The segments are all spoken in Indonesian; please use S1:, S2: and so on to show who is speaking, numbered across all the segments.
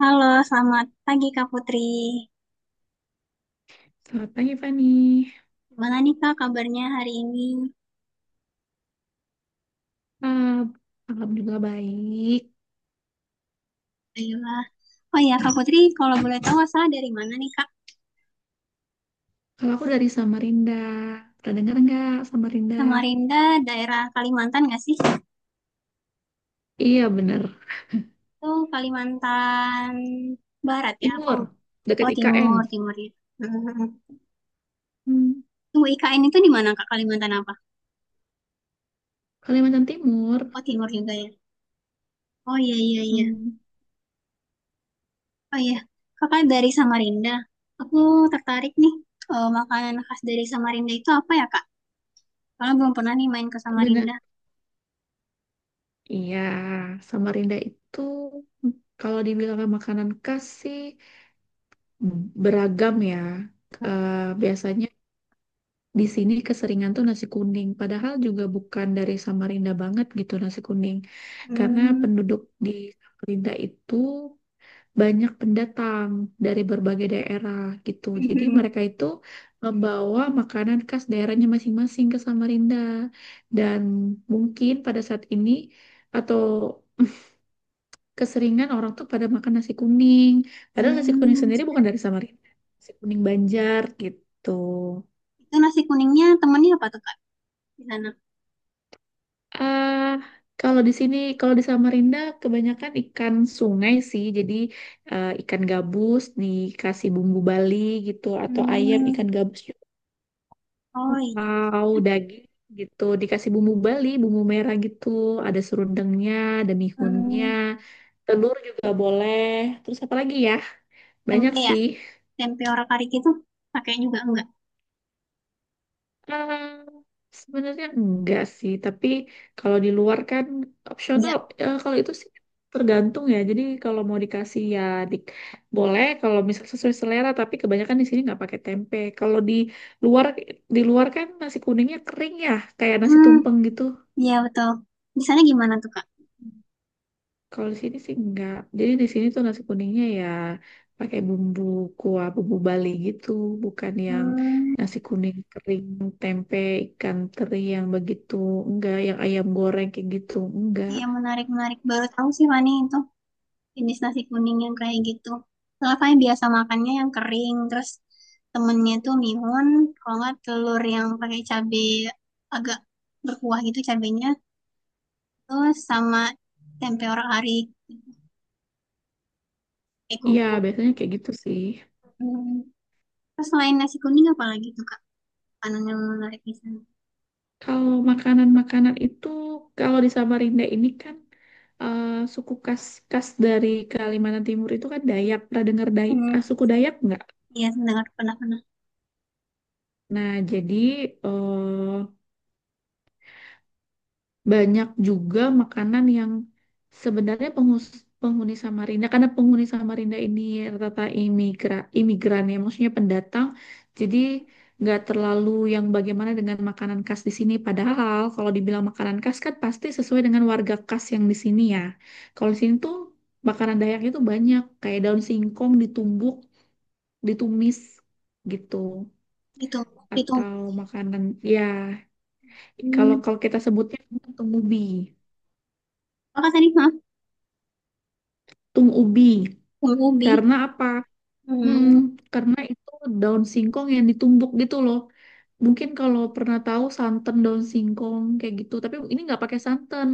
S1: Halo, selamat pagi Kak Putri.
S2: Selamat pagi Fani.
S1: Gimana nih Kak kabarnya hari ini?
S2: Ah, Alhamdulillah baik.
S1: Baiklah. Oh iya Kak Putri, kalau boleh tahu asal dari mana nih Kak?
S2: Kalau aku dari Samarinda, pernah dengar nggak Samarinda?
S1: Samarinda, daerah Kalimantan nggak sih?
S2: Iya bener.
S1: Itu Kalimantan Barat ya? Apa?
S2: Timur, dekat
S1: Oh
S2: IKN.
S1: Timur, Timur ya. Hmm.
S2: Hmm.
S1: Tunggu IKN itu di mana Kak? Kalimantan apa?
S2: Kalimantan Timur.
S1: Oh Timur juga ya. Oh iya iya iya.
S2: Hmm.
S1: Oh iya. Kakak dari Samarinda. Aku tertarik nih. Makanan khas dari Samarinda itu apa ya Kak? Kalau belum pernah nih main ke Samarinda.
S2: Bener. Iya, Samarinda itu hmm, kalau dibilang makanan khas sih beragam ya. Biasanya di sini keseringan tuh nasi kuning, padahal juga bukan dari Samarinda banget gitu nasi kuning. Karena
S1: Hmm.
S2: penduduk di Samarinda itu banyak pendatang dari berbagai daerah gitu. Jadi
S1: Mhm.
S2: mereka itu membawa makanan khas daerahnya masing-masing ke Samarinda. Dan mungkin pada saat ini atau keseringan orang tuh pada makan nasi kuning. Padahal nasi kuning
S1: Hmm,
S2: sendiri bukan dari Samarinda. Nasi kuning Banjar gitu.
S1: itu nasi kuningnya temennya apa tuh Kak di sana?
S2: Ah, kalau di sini, kalau di Samarinda, kebanyakan ikan sungai sih. Jadi ikan gabus dikasih bumbu Bali gitu, atau ayam
S1: Hmm.
S2: ikan gabus juga,
S1: Oh iya.
S2: atau daging gitu dikasih bumbu Bali, bumbu merah gitu. Ada serundengnya, ada mihunnya,
S1: Hmm,
S2: telur juga boleh. Terus apa lagi ya? Banyak
S1: tempe ya,
S2: sih.
S1: tempe orang kari itu pakai juga enggak?
S2: Eh, sebenarnya enggak sih, tapi kalau di luar kan opsional.
S1: Enggak.
S2: Kalau itu sih tergantung ya. Jadi kalau mau dikasih ya di- boleh. Kalau misal sesuai selera, tapi kebanyakan di sini nggak pakai tempe. Kalau luar di luar kan nasi kuningnya kering ya, kayak nasi
S1: Hmm,
S2: tumpeng gitu.
S1: iya betul. Di sana gimana tuh Kak?
S2: Kalau di sini sih enggak. Jadi di sini tuh nasi kuningnya ya pakai bumbu kuah bumbu Bali gitu, bukan yang
S1: Hmm.
S2: nasi kuning kering, tempe, ikan teri yang begitu, enggak yang ayam goreng kayak gitu, enggak.
S1: Iya menarik menarik. Baru tahu sih Fani itu jenis nasi kuning yang kayak gitu. Soalnya Fani biasa makannya yang kering, terus temennya tuh mihun, kalau nggak telur yang pakai cabai agak berkuah gitu cabenya, terus sama tempe orak arik, tempe
S2: Iya,
S1: kerupuk.
S2: biasanya kayak gitu sih.
S1: Hmm, terus selain nasi kuning apa lagi tuh kak, makanan yang menarik di sana?
S2: Kalau makanan-makanan itu, kalau di Samarinda ini kan eh, suku khas khas dari Kalimantan Timur itu kan Dayak. Pernah dengar
S1: Hmm,
S2: suku Dayak enggak?
S1: iya mendengar pernah pernah.
S2: Nah, jadi eh, banyak juga makanan yang sebenarnya penghuni Samarinda, karena penghuni Samarinda ini rata-rata imigran, ya maksudnya pendatang, jadi nggak terlalu yang bagaimana dengan makanan khas di sini, padahal kalau dibilang makanan khas kan pasti sesuai dengan warga khas yang di sini ya. Kalau di sini tuh makanan Dayaknya tuh banyak, kayak daun singkong ditumbuk, ditumis gitu,
S1: itu itu
S2: atau makanan ya,
S1: hmm.
S2: kalau kalau kita sebutnya tung ubi,
S1: Kakak tadi maaf,
S2: tung ubi.
S1: tumbuh ubi.
S2: Karena apa? Hmm,
S1: Hmm.
S2: karena itu daun singkong yang ditumbuk gitu loh. Mungkin kalau pernah tahu santan daun singkong kayak gitu, tapi ini nggak pakai santan.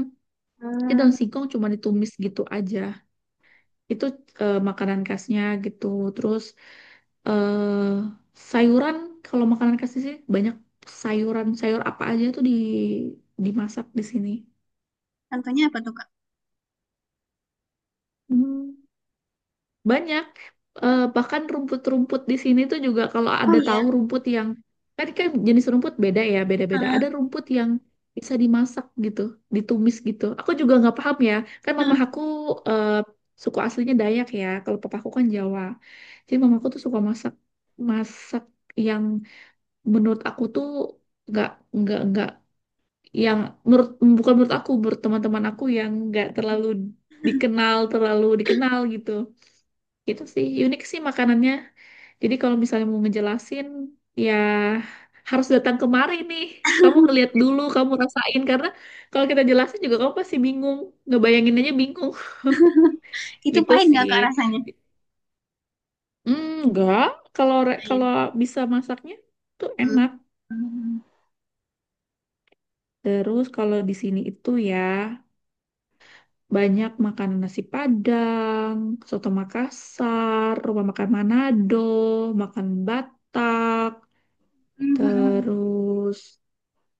S2: Ini
S1: Hmm.
S2: daun singkong cuma ditumis gitu aja. Itu makanan khasnya gitu. Terus eh sayuran, kalau makanan khas sih banyak sayuran. Sayur apa aja tuh dimasak di sini.
S1: Contohnya apa tuh kak?
S2: Hmm. Banyak bahkan rumput-rumput di sini tuh juga, kalau
S1: Oh
S2: ada
S1: iya.
S2: tahu rumput yang, kan kan jenis rumput beda ya, beda-beda. Ada
S1: Ah,
S2: rumput yang bisa dimasak gitu, ditumis gitu. Aku juga nggak paham ya, kan mama
S1: ah.
S2: aku eh, suku aslinya Dayak ya, kalau papaku kan Jawa. Jadi mamaku tuh suka masak masak yang menurut aku tuh nggak nggak yang, menurut, bukan menurut aku, menurut teman-teman aku yang nggak terlalu dikenal gitu. Gitu sih, unik sih makanannya. Jadi kalau misalnya mau ngejelasin, ya harus datang kemari nih. Kamu ngeliat dulu, kamu rasain. Karena kalau kita jelasin juga kamu pasti bingung. Ngebayangin aja bingung.
S1: Itu
S2: Gitu
S1: pahit nggak
S2: sih.
S1: kak rasanya?
S2: Hmm, enggak, kalau
S1: Pahit.
S2: bisa masaknya tuh
S1: Hmm.
S2: enak.
S1: Hmm.
S2: Terus kalau di sini itu ya banyak makanan nasi Padang, soto Makassar, rumah makan Manado, makan Batak,
S1: Hmm. Hmm.
S2: terus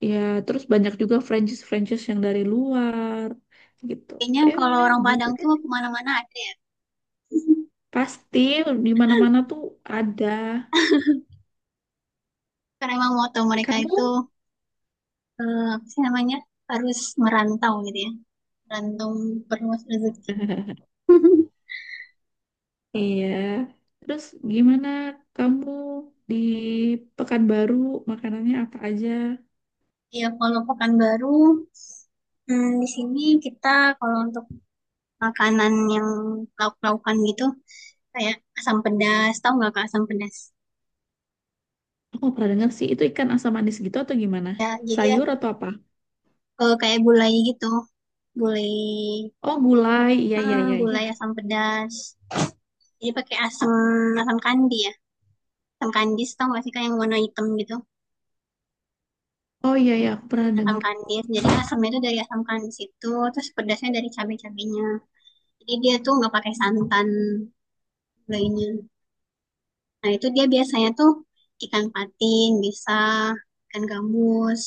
S2: Ya, terus banyak juga franchise-franchise yang dari luar gitu.
S1: Kayaknya
S2: Eh,
S1: kalau
S2: pokoknya
S1: orang
S2: begitu
S1: Padang
S2: deh.
S1: tuh kemana-mana ada ya.
S2: Pasti di mana-mana tuh ada.
S1: Karena emang moto mereka itu
S2: Kamu?
S1: apa sih namanya, harus merantau gitu ya. Rantau perluas rezeki.
S2: Iya. Terus gimana kamu di Pekanbaru makanannya apa aja?
S1: Ya kalau Pekanbaru hmm, di sini kita kalau untuk makanan yang lauk-laukan gitu kayak asam pedas, tahu nggak kak asam pedas?
S2: Aku nggak pernah dengar sih itu, ikan asam manis gitu atau gimana?
S1: Ya jadi ya,
S2: Sayur atau apa?
S1: kayak gulai gitu, gulai
S2: Oh, gulai. Iya, iya,
S1: hmm,
S2: iya, iya.
S1: gulai asam pedas. Jadi pakai asam asam kandi ya. Asam kandis tau gak sih kayak yang warna hitam gitu,
S2: Oh iya, iya, aku pernah
S1: asam
S2: dengar.
S1: kandis, jadi asamnya itu dari asam kandis itu, terus pedasnya dari cabai-cabainya, jadi dia tuh nggak pakai santan gulainya. Nah, itu dia biasanya tuh ikan patin, bisa ikan gabus.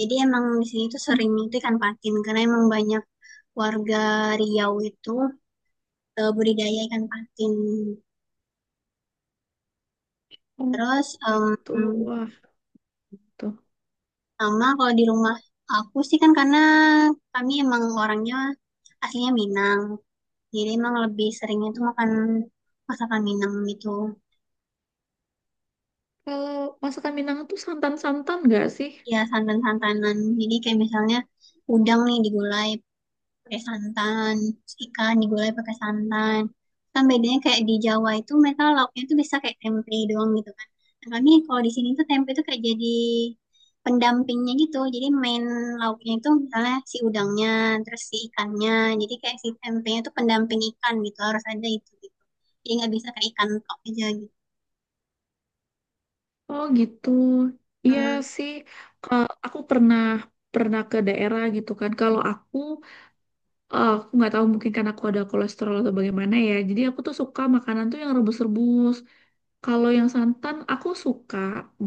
S1: Jadi emang di sini tuh sering itu ikan patin karena emang banyak warga Riau itu budidaya ikan patin.
S2: Oh,
S1: Terus
S2: gitu. Wah, tuh.
S1: sama kalau di rumah aku sih kan karena kami emang orangnya aslinya Minang. Jadi emang lebih seringnya tuh makan masakan Minang gitu.
S2: Kalau masakan Minang tuh santan-santan nggak sih?
S1: Ya santan-santanan. Jadi kayak misalnya udang nih digulai pakai santan. Terus ikan digulai pakai santan. Kan bedanya kayak di Jawa itu mereka lauknya itu bisa kayak tempe doang gitu kan, nah, kami kalau di sini tuh tempe itu kayak jadi pendampingnya gitu, jadi main lauknya itu misalnya si udangnya, terus si ikannya, jadi kayak si tempenya itu pendamping ikan gitu, harus ada itu gitu, jadi nggak bisa kayak ikan tok aja gitu.
S2: Oh gitu. Iya
S1: Hmm,
S2: sih, aku pernah pernah ke daerah gitu kan. Kalau aku nggak tahu, mungkin karena aku ada kolesterol atau bagaimana ya. Jadi aku tuh suka makanan tuh yang rebus-rebus. Kalau yang santan aku suka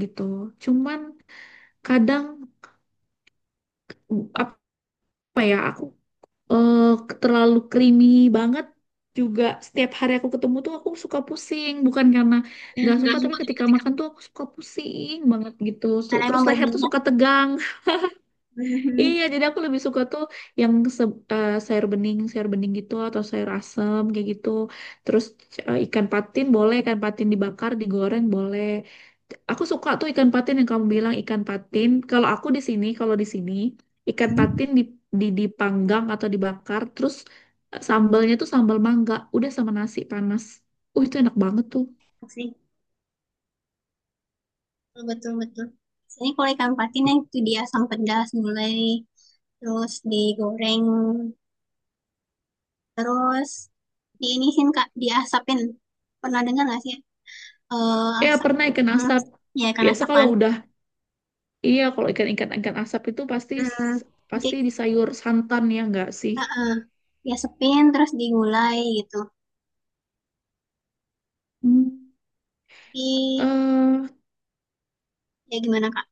S2: gitu. Cuman kadang, apa ya, aku eh, terlalu creamy banget juga. Setiap hari aku ketemu tuh aku suka pusing. Bukan karena nggak
S1: nah
S2: suka,
S1: Mhm,
S2: tapi ketika makan tuh aku suka pusing banget gitu. Su-
S1: karena
S2: Terus
S1: emang
S2: leher tuh
S1: berminyak.
S2: suka tegang.
S1: Mhm.
S2: Iya, jadi aku lebih suka tuh yang, se- sayur bening gitu, atau sayur asem kayak gitu. Terus ikan patin boleh, ikan patin dibakar, digoreng boleh. Aku suka tuh ikan patin, yang kamu bilang ikan patin. Kalau aku di sini, kalau di sini, ikan
S1: Mhm
S2: patin di dipanggang atau dibakar, terus sambalnya tuh sambal mangga, udah sama nasi panas. Itu enak banget tuh.
S1: sih, betul betul. Sini kalau ikan patin ya itu dia asam pedas mulai. Terus digoreng, terus diinisin Kak, diasapin. Pernah dengar nggak sih? Eh
S2: Ya,
S1: asap.
S2: pernah ikan
S1: Hmm,
S2: asap.
S1: ya kan
S2: Biasa
S1: asapan.
S2: kalau udah. Iya, kalau ikan-ikan asap itu pasti
S1: Hmm,
S2: pasti
S1: nanti
S2: di sayur santan ya nggak sih?
S1: eh, eh, diasapin terus digulai gitu.
S2: Hmm.
S1: Jadi
S2: eh
S1: ya gimana Kak?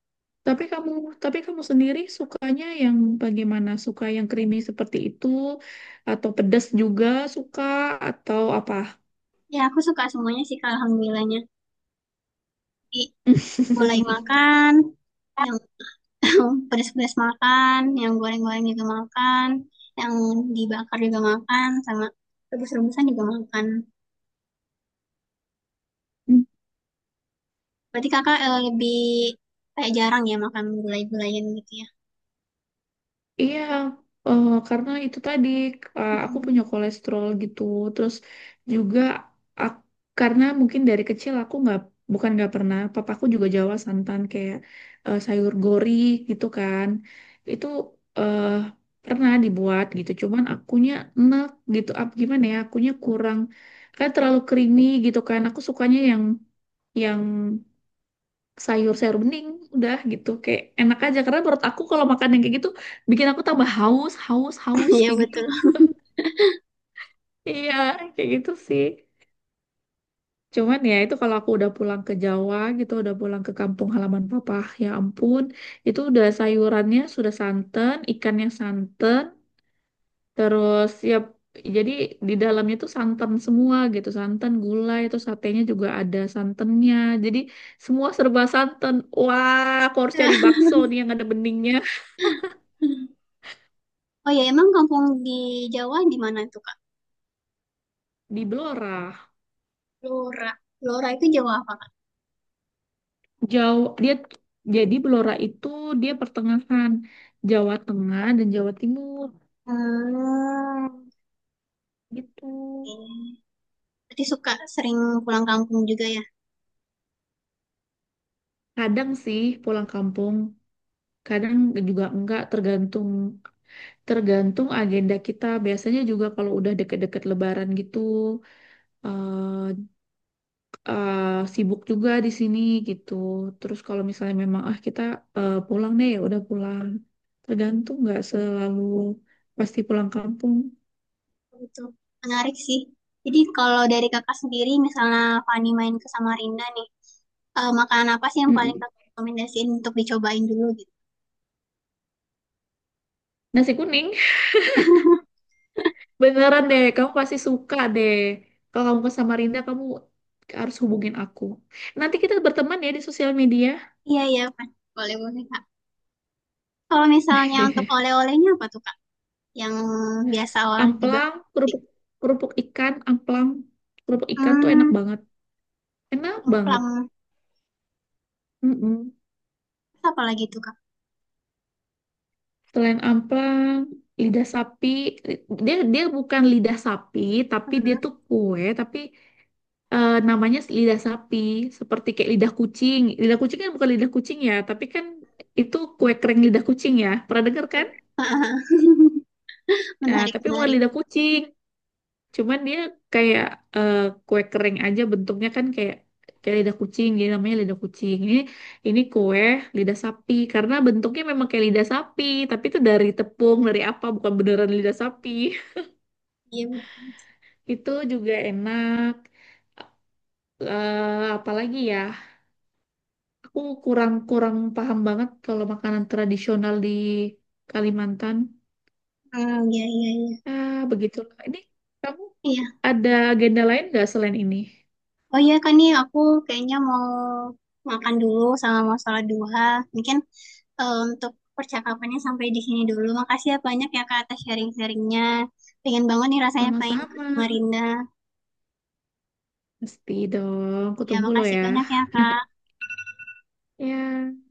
S2: tapi kamu tapi kamu sendiri sukanya yang bagaimana? Suka yang creamy seperti itu, atau pedas juga suka, atau apa?
S1: Ya aku suka semuanya sih Kak, alhamdulillahnya. Jadi gulai makan, yang pedes-pedes makan, yang goreng-goreng juga makan, yang dibakar juga makan, sama rebus-rebusan juga makan. Berarti kakak lebih kayak jarang ya makan gulai-gulayan gitu ya?
S2: Iya, karena itu tadi, aku
S1: Hmm,
S2: punya kolesterol gitu. Terus juga, ak- karena mungkin dari kecil aku nggak, bukan nggak pernah, papaku juga Jawa santan kayak sayur gori gitu kan. Itu eh, pernah dibuat gitu. Cuman akunya enak gitu. Apa gimana ya? Akunya kurang, kayak terlalu creamy gitu kan. Aku sukanya yang sayur sayur bening, udah gitu kayak enak aja. Karena menurut aku kalau makan yang kayak gitu bikin aku tambah haus, haus, haus
S1: iya
S2: kayak gitu.
S1: betul.
S2: Iya, kayak gitu sih. Cuman ya itu, kalau aku udah pulang ke Jawa gitu, udah pulang ke kampung halaman papa, ya ampun, itu udah sayurannya sudah santan, ikannya santan, terus ya jadi di dalamnya tuh santan semua gitu, santan gulai, terus satenya juga ada santannya. Jadi semua serba santan. Wah, aku harus cari bakso nih yang ada beningnya.
S1: Oh ya, emang kampung di Jawa di mana tuh Kak?
S2: Di Belora.
S1: Lora. Lora itu Jawa apa Kak?
S2: Jauh dia, jadi Belora itu dia pertengahan Jawa Tengah dan Jawa Timur
S1: Hmm.
S2: gitu.
S1: Oke. Berarti suka sering pulang kampung juga ya?
S2: Kadang sih pulang kampung, kadang juga enggak, tergantung tergantung agenda kita. Biasanya juga kalau udah deket-deket Lebaran gitu, eh eh, sibuk juga di sini gitu. Terus kalau misalnya memang, kita pulang deh, ya udah pulang. Tergantung, nggak selalu pasti pulang kampung.
S1: Betul. Menarik sih. Jadi kalau dari kakak sendiri, misalnya Fani main ke Samarinda nih, makanan apa sih yang paling
S2: Mm-mm.
S1: kakak rekomendasiin untuk dicobain dulu gitu?
S2: Nasi kuning. Beneran deh, kamu pasti suka deh. Kalau kamu ke Samarinda, kamu harus hubungin aku. Nanti kita berteman ya di sosial media.
S1: Iya iya Pak. Boleh boleh Kak. Kalau misalnya untuk oleh-olehnya apa tuh kak? Yang biasa orang jebak.
S2: Amplang, kerupuk kerupuk ikan, amplang, kerupuk ikan tuh enak
S1: Hmm,
S2: banget. Enak banget.
S1: templang.
S2: Mm-mm.
S1: Terus apa lagi tuh, Kak?
S2: Selain amplang, lidah sapi, li- dia dia bukan lidah sapi, tapi dia tuh kue, tapi namanya lidah sapi, seperti kayak lidah kucing. Lidah kucing kan bukan lidah kucing ya, tapi kan itu kue kering lidah kucing ya. Pernah dengar kan? Eh,
S1: Menarik,
S2: tapi bukan
S1: menarik.
S2: lidah kucing, cuman dia kayak eh, kue kering aja, bentuknya kan kayak kayak lidah kucing, jadi namanya lidah kucing. Ini kue lidah sapi, karena bentuknya memang kayak lidah sapi, tapi itu dari tepung, dari apa, bukan beneran lidah sapi.
S1: Iya, betul.
S2: Itu juga enak. Apalagi ya, aku kurang kurang paham banget kalau makanan tradisional di Kalimantan.
S1: Hmm, iya, iya, iya.
S2: Begitulah. Ini, kamu
S1: Iya.
S2: ada agenda lain nggak selain ini?
S1: Oh iya, kan nih aku kayaknya mau makan dulu sama mau sholat duha. Mungkin untuk percakapannya sampai di sini dulu. Makasih ya banyak ya Kak atas sharing-sharingnya. Pengen banget nih rasanya pengen
S2: Sama-sama.
S1: sama Rinda.
S2: Pasti dong, aku
S1: Ya,
S2: tunggu lo
S1: makasih
S2: ya.
S1: banyak ya Kak.
S2: Ya,